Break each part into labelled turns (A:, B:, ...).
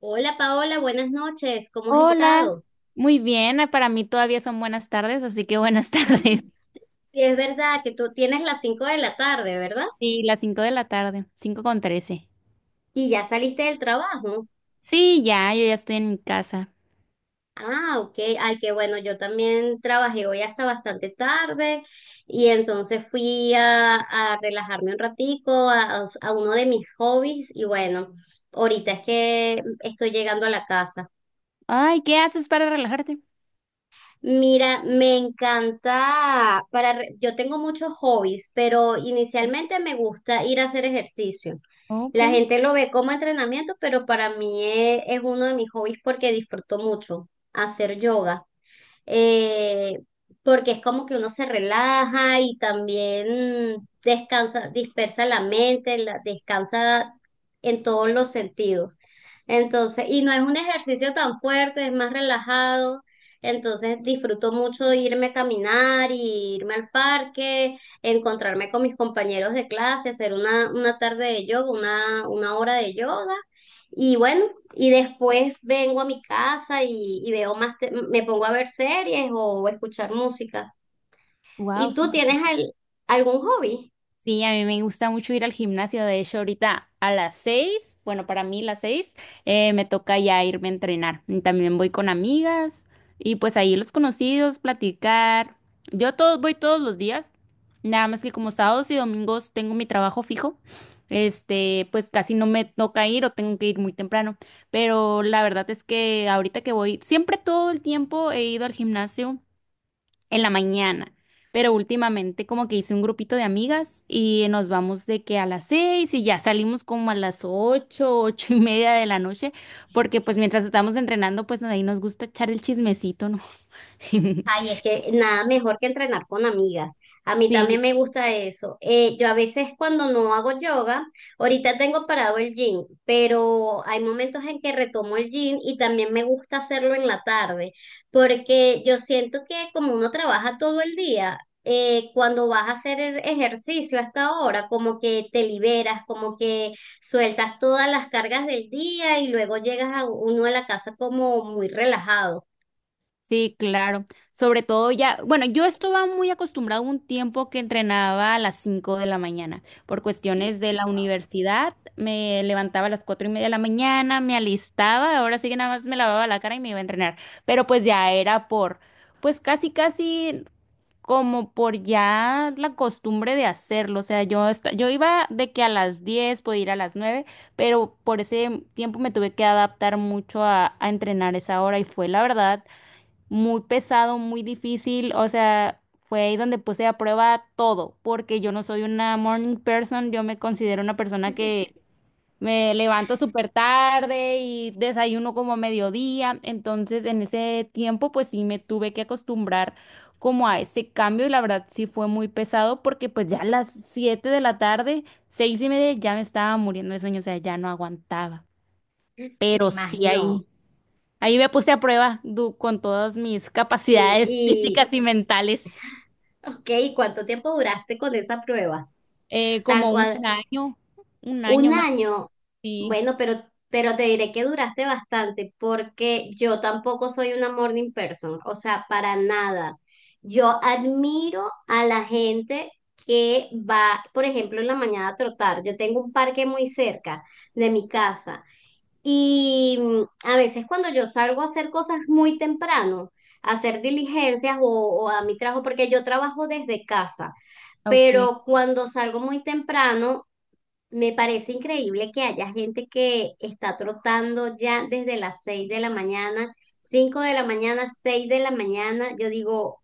A: Hola Paola, buenas noches, ¿cómo has
B: Hola,
A: estado?
B: muy bien, ah, para mí todavía son buenas tardes, así que buenas tardes.
A: Ay, sí, es verdad que tú tienes las 5 de la tarde, ¿verdad?
B: Sí, las 5 de la tarde, 5:13.
A: Y ya saliste del trabajo.
B: Sí, ya, yo ya estoy en mi casa.
A: Ah, ok, ay, qué bueno, yo también trabajé hoy hasta bastante tarde y entonces fui a relajarme un ratico a uno de mis hobbies y bueno, ahorita es que estoy llegando a la casa.
B: Ay, ¿qué haces para relajarte?
A: Mira, me encanta, yo tengo muchos hobbies, pero inicialmente me gusta ir a hacer ejercicio.
B: Ok.
A: La gente lo ve como entrenamiento, pero para mí es uno de mis hobbies porque disfruto mucho hacer yoga. Eh, porque es como que uno se relaja y también descansa, dispersa la mente, descansa en todos los sentidos. Entonces, y no es un ejercicio tan fuerte, es más relajado. Entonces, disfruto mucho de irme a caminar, y irme al parque, encontrarme con mis compañeros de clase, hacer una tarde de yoga, una hora de yoga. Y bueno, y después vengo a mi casa y veo más, me pongo a ver series o escuchar música.
B: Wow.
A: ¿Y tú tienes algún hobby?
B: Sí, a mí me gusta mucho ir al gimnasio. De hecho, ahorita a las 6, bueno, para mí las 6, me toca ya irme a entrenar. Y también voy con amigas y pues ahí los conocidos, platicar. Yo todos voy todos los días, nada más que como sábados y domingos tengo mi trabajo fijo, pues casi no me toca ir o tengo que ir muy temprano. Pero la verdad es que ahorita que voy, siempre todo el tiempo he ido al gimnasio en la mañana. Pero últimamente como que hice un grupito de amigas y nos vamos de que a las 6 y ya salimos como a las 8, 8:30 de la noche, porque pues mientras estamos entrenando, pues ahí nos gusta echar el chismecito, ¿no?
A: Ay, es que nada mejor que entrenar con amigas. A mí también
B: Sí,
A: me gusta eso. Yo a veces cuando no hago yoga, ahorita tengo parado el gym, pero hay momentos en que retomo el gym y también me gusta hacerlo en la tarde, porque yo siento que como uno trabaja todo el día, cuando vas a hacer el ejercicio hasta ahora, como que te liberas, como que sueltas todas las cargas del día y luego llegas a uno a la casa como muy relajado.
B: sí, claro. Sobre todo ya, bueno, yo estaba muy acostumbrado un tiempo que entrenaba a las 5 de la mañana. Por cuestiones de la universidad, me levantaba a las 4:30 de la mañana, me alistaba, ahora sí que nada más me lavaba la cara y me iba a entrenar. Pero pues ya era por, pues casi, casi como por ya la costumbre de hacerlo. O sea, yo iba de que a las 10 podía ir a las 9, pero por ese tiempo me tuve que adaptar mucho a entrenar esa hora y fue la verdad muy pesado, muy difícil, o sea, fue ahí donde puse a prueba todo, porque yo no soy una morning person, yo me considero una persona que me levanto súper tarde y desayuno como a mediodía, entonces en ese tiempo pues sí me tuve que acostumbrar como a ese cambio y la verdad sí fue muy pesado porque pues ya a las 7 de la tarde, 6:30 ya me estaba muriendo de sueño, o sea, ya no aguantaba,
A: Me
B: pero sí
A: imagino.
B: ahí. Ahí me puse a prueba con todas mis
A: Eh,
B: capacidades físicas
A: Y,
B: y mentales.
A: ok, ¿cuánto tiempo duraste con esa prueba? O sea,
B: Como un
A: un
B: año más.
A: año.
B: Sí.
A: Bueno, pero te diré que duraste bastante porque yo tampoco soy una morning person, o sea, para nada. Yo admiro a la gente que va, por ejemplo, en la mañana a trotar. Yo tengo un parque muy cerca de mi casa. Y a veces cuando yo salgo a hacer cosas muy temprano, a hacer diligencias o a mi trabajo, porque yo trabajo desde casa,
B: Ok.
A: pero cuando salgo muy temprano, me parece increíble que haya gente que está trotando ya desde las 6 de la mañana, 5 de la mañana, 6 de la mañana. Yo digo,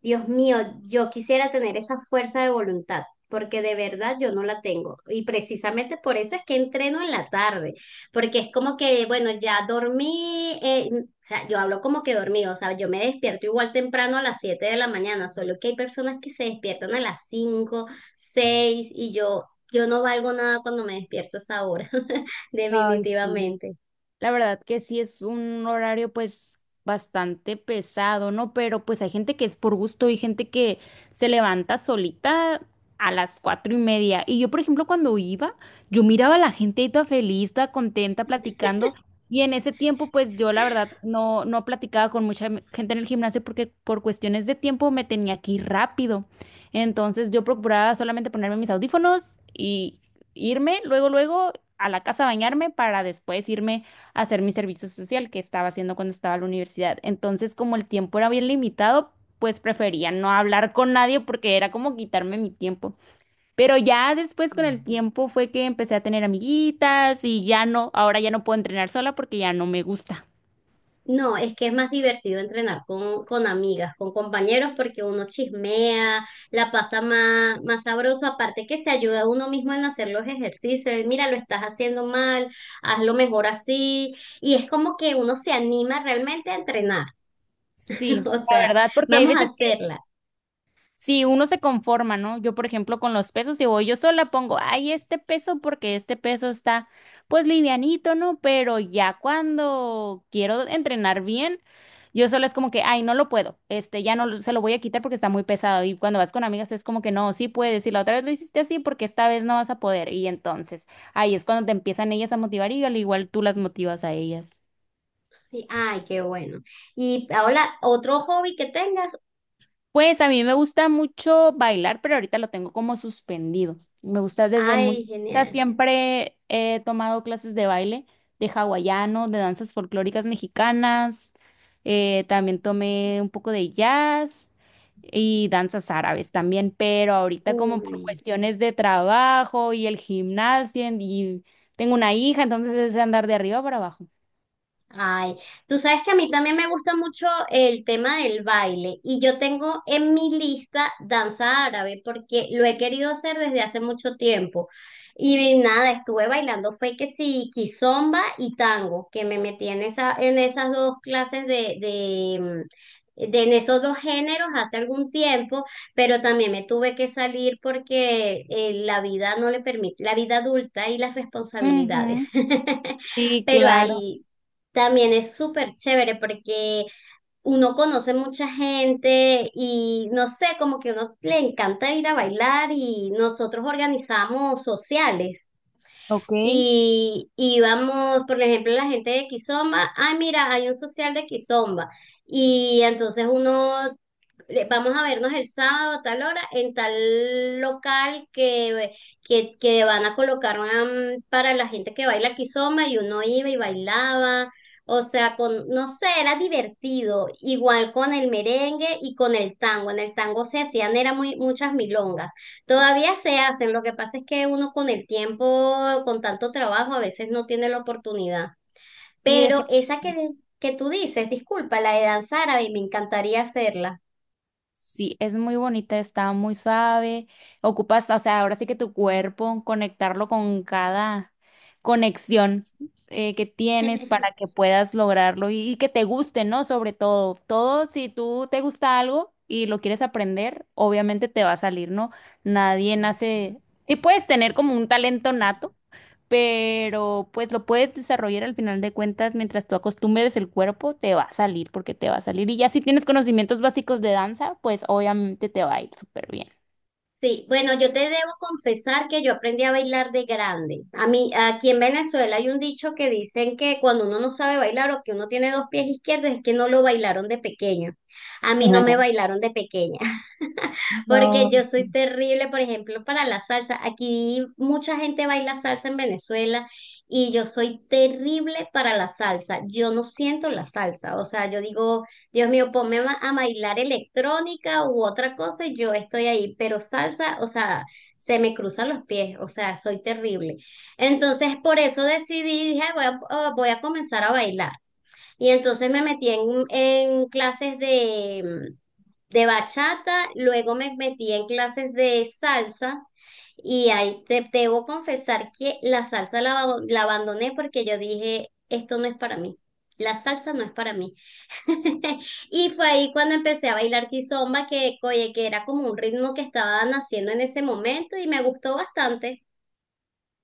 A: Dios mío, yo quisiera tener esa fuerza de voluntad, porque de verdad yo no la tengo. Y precisamente por eso es que entreno en la tarde, porque es como que, bueno, ya dormí, o sea, yo hablo como que dormí, o sea, yo me despierto igual temprano a las 7 de la mañana, solo que hay personas que se despiertan a las 5, 6 y yo no valgo nada cuando me despierto a esa hora,
B: Ay, sí.
A: definitivamente.
B: La verdad que sí es un horario pues bastante pesado, ¿no? Pero pues hay gente que es por gusto y gente que se levanta solita a las 4:30. Y yo, por ejemplo, cuando iba, yo miraba a la gente ahí toda feliz, toda contenta, platicando. Y en ese tiempo, pues yo la verdad no, no platicaba con mucha gente en el gimnasio porque por cuestiones de tiempo me tenía que ir rápido. Entonces yo procuraba solamente ponerme mis audífonos y irme luego, luego a la casa a bañarme para después irme hacer mi servicio social que estaba haciendo cuando estaba en la universidad. Entonces, como el tiempo era bien limitado, pues prefería no hablar con nadie porque era como quitarme mi tiempo. Pero ya después con el tiempo fue que empecé a tener amiguitas y ya no, ahora ya no puedo entrenar sola porque ya no me gusta.
A: No, es que es más divertido entrenar con amigas, con compañeros, porque uno chismea, la pasa más, más sabroso, aparte que se ayuda a uno mismo en hacer los ejercicios, mira, lo estás haciendo mal, hazlo mejor así, y es como que uno se anima realmente a entrenar,
B: Sí,
A: o
B: la
A: sea,
B: verdad, porque hay
A: vamos a
B: veces
A: hacerla.
B: si uno se conforma, ¿no? Yo, por ejemplo, con los pesos, si voy yo sola, pongo, ay, este peso, porque este peso está, pues, livianito, ¿no? Pero ya cuando quiero entrenar bien, yo sola es como que, ay, no lo puedo, ya no lo- se lo voy a quitar porque está muy pesado. Y cuando vas con amigas es como que, no, sí puedes, y la otra vez lo hiciste así porque esta vez no vas a poder. Y entonces, ahí es cuando te empiezan ellas a motivar y al igual tú las motivas a ellas.
A: Ay, qué bueno. Y Paola, ¿otro hobby que tengas?
B: Pues a mí me gusta mucho bailar, pero ahorita lo tengo como suspendido. Me gusta desde muy...
A: Ay,
B: o
A: genial.
B: siempre he tomado clases de baile, de hawaiano, de danzas folclóricas mexicanas. También tomé un poco de jazz y danzas árabes también, pero ahorita como
A: Uy.
B: por cuestiones de trabajo y el gimnasio y tengo una hija, entonces es de andar de arriba para abajo.
A: Ay, tú sabes que a mí también me gusta mucho el tema del baile y yo tengo en mi lista danza árabe porque lo he querido hacer desde hace mucho tiempo. Y nada, estuve bailando, fue que sí, kizomba y tango, que me metí en esa, en esas dos clases en esos dos géneros hace algún tiempo, pero también me tuve que salir porque la vida no le permite, la vida adulta y las responsabilidades.
B: Ujú. Sí,
A: Pero
B: claro.
A: ahí también es súper chévere porque uno conoce mucha gente y no sé, como que a uno le encanta ir a bailar y nosotros organizamos sociales
B: Ok,
A: y íbamos, por ejemplo, la gente de Kizomba, ay mira, hay un social de Kizomba y entonces uno vamos a vernos el sábado a tal hora en tal local que van a colocar, para la gente que baila kizomba y uno iba y bailaba. O sea, no sé, era divertido. Igual con el merengue y con el tango. En el tango se hacían, era muchas milongas. Todavía se hacen, lo que pasa es que uno con el tiempo, con tanto trabajo, a veces no tiene la oportunidad.
B: sí,
A: Pero esa
B: definitivamente.
A: que tú dices, disculpa, la de danzar, árabe, me encantaría hacerla.
B: Sí, es muy bonita, está muy suave. Ocupas, o sea, ahora sí que tu cuerpo, conectarlo con cada conexión que tienes para que puedas lograrlo y que te guste, ¿no? Sobre todo, si tú te gusta algo y lo quieres aprender, obviamente te va a salir, ¿no? Nadie nace y puedes tener como un talento nato, pero pues lo puedes desarrollar al final de cuentas mientras tú acostumbres el cuerpo, te va a salir porque te va a salir. Y ya si tienes conocimientos básicos de danza, pues obviamente te va a ir súper bien.
A: Sí, bueno, yo te debo confesar que yo aprendí a bailar de grande. A mí, aquí en Venezuela hay un dicho que dicen que cuando uno no sabe bailar o que uno tiene dos pies izquierdos es que no lo bailaron de pequeño. A mí no me bailaron de pequeña, porque
B: No.
A: yo soy terrible, por ejemplo, para la salsa. Aquí mucha gente baila salsa en Venezuela y yo soy terrible para la salsa. Yo no siento la salsa, o sea, yo digo, Dios mío, ponme a bailar electrónica u otra cosa y yo estoy ahí, pero salsa, o sea, se me cruzan los pies, o sea, soy terrible. Entonces, por eso decidí, dije: "Ay, voy a comenzar a bailar". Y entonces me metí en clases de bachata, luego me metí en clases de salsa y ahí te debo confesar que la salsa la abandoné porque yo dije, esto no es para mí. La salsa no es para mí. Y fue ahí cuando empecé a bailar kizomba, que, oye, que era como un ritmo que estaba naciendo en ese momento y me gustó bastante.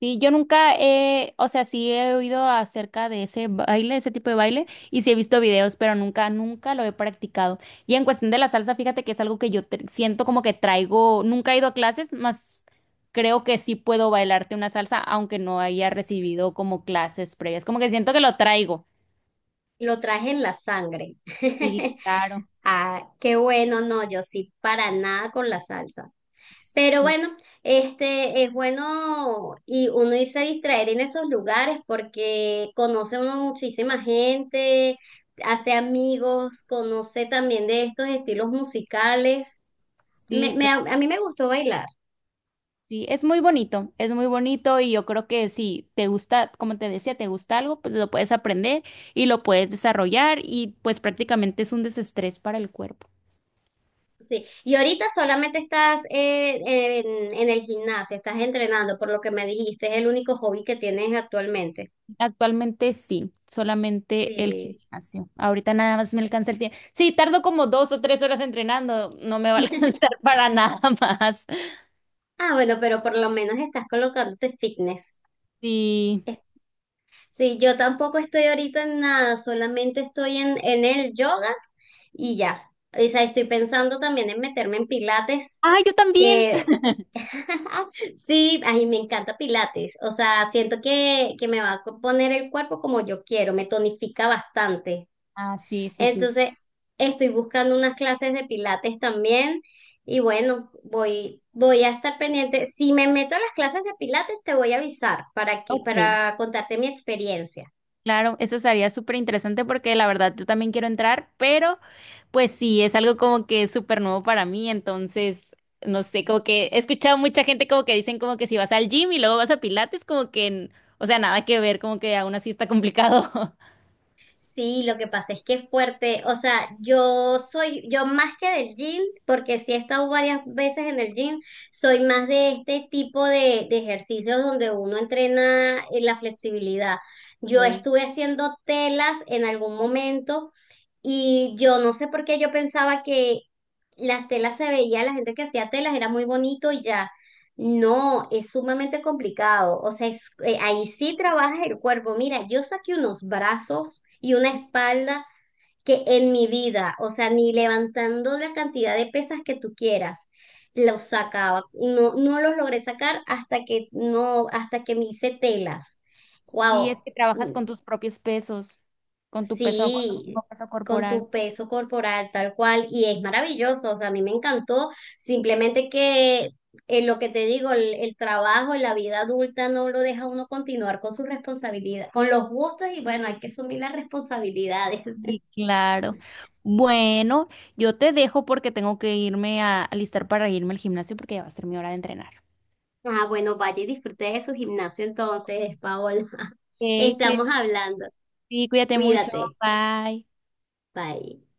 B: Sí, yo nunca he, o sea, sí he oído acerca de ese baile, ese tipo de baile, y sí he visto videos, pero nunca, nunca lo he practicado. Y en cuestión de la salsa, fíjate que es algo que yo siento como que traigo, nunca he ido a clases, más creo que sí puedo bailarte una salsa, aunque no haya recibido como clases previas. Como que siento que lo traigo.
A: Lo traje en la sangre.
B: Sí, claro.
A: Ah, qué bueno, no, yo sí, para nada con la salsa. Pero bueno, este es bueno y uno irse a distraer en esos lugares porque conoce uno muchísima gente, hace amigos, conoce también de estos estilos musicales. Me-
B: Sí,
A: me- a mí me gustó bailar,
B: sí, es muy bonito y yo creo que si te gusta, como te decía, te gusta algo, pues lo puedes aprender y lo puedes desarrollar y pues prácticamente es un desestrés para el cuerpo.
A: sí. Y ahorita solamente estás, en el gimnasio, estás entrenando, por lo que me dijiste, es el único hobby que tienes actualmente.
B: Actualmente sí, solamente el
A: Sí.
B: gimnasio. Ahorita nada más me alcanza el tiempo. Sí, tardo como 2 o 3 horas entrenando, no me va a alcanzar para nada más.
A: Ah, bueno, pero por lo menos estás colocándote fitness.
B: Sí.
A: Sí, yo tampoco estoy ahorita en nada, solamente estoy en el yoga y ya. O sea, estoy pensando también en meterme en pilates,
B: Ah, yo también.
A: que sí, ay, me encanta pilates. O sea, siento que me va a poner el cuerpo como yo quiero, me tonifica bastante.
B: Ah, sí, sí, sí.
A: Entonces, estoy buscando unas clases de pilates también y bueno, voy a estar pendiente. Si me meto a las clases de pilates, te voy a avisar
B: Ok.
A: para contarte mi experiencia.
B: Claro, eso sería súper interesante porque la verdad yo también quiero entrar, pero pues sí, es algo como que súper nuevo para mí, entonces, no sé, como que he escuchado mucha gente como que dicen como que si vas al gym y luego vas a Pilates, como que, o sea, nada que ver, como que aún así está complicado.
A: Sí, lo que pasa es que es fuerte. O sea, yo más que del gym, porque sí he estado varias veces en el gym, soy más de este tipo de ejercicios donde uno entrena, la flexibilidad. Yo
B: Ok.
A: estuve haciendo telas en algún momento y yo no sé por qué yo pensaba que las telas se veía, la gente que hacía telas era muy bonito y ya. No, es sumamente complicado. O sea, ahí sí trabajas el cuerpo. Mira, yo saqué unos brazos y una espalda que en mi vida, o sea, ni levantando la cantidad de pesas que tú quieras, los sacaba. No, no los logré sacar hasta que no, hasta que me hice telas.
B: Sí, es
A: Wow.
B: que trabajas con tus propios pesos, con tu peso, con tu
A: Sí,
B: mismo peso
A: con
B: corporal.
A: tu peso corporal tal cual, y es maravilloso, o sea, a mí me encantó, simplemente que en lo que te digo, el trabajo en la vida adulta no lo deja uno continuar con su responsabilidad, con los gustos y bueno, hay que asumir las responsabilidades.
B: Sí, claro. Bueno, yo te dejo porque tengo que irme a alistar para irme al gimnasio porque ya va a ser mi hora de entrenar.
A: Ah, bueno, vaya y disfrute de su gimnasio entonces, Paola.
B: Ok.
A: Estamos hablando,
B: Sí, cuídate mucho.
A: cuídate,
B: Bye.
A: bye.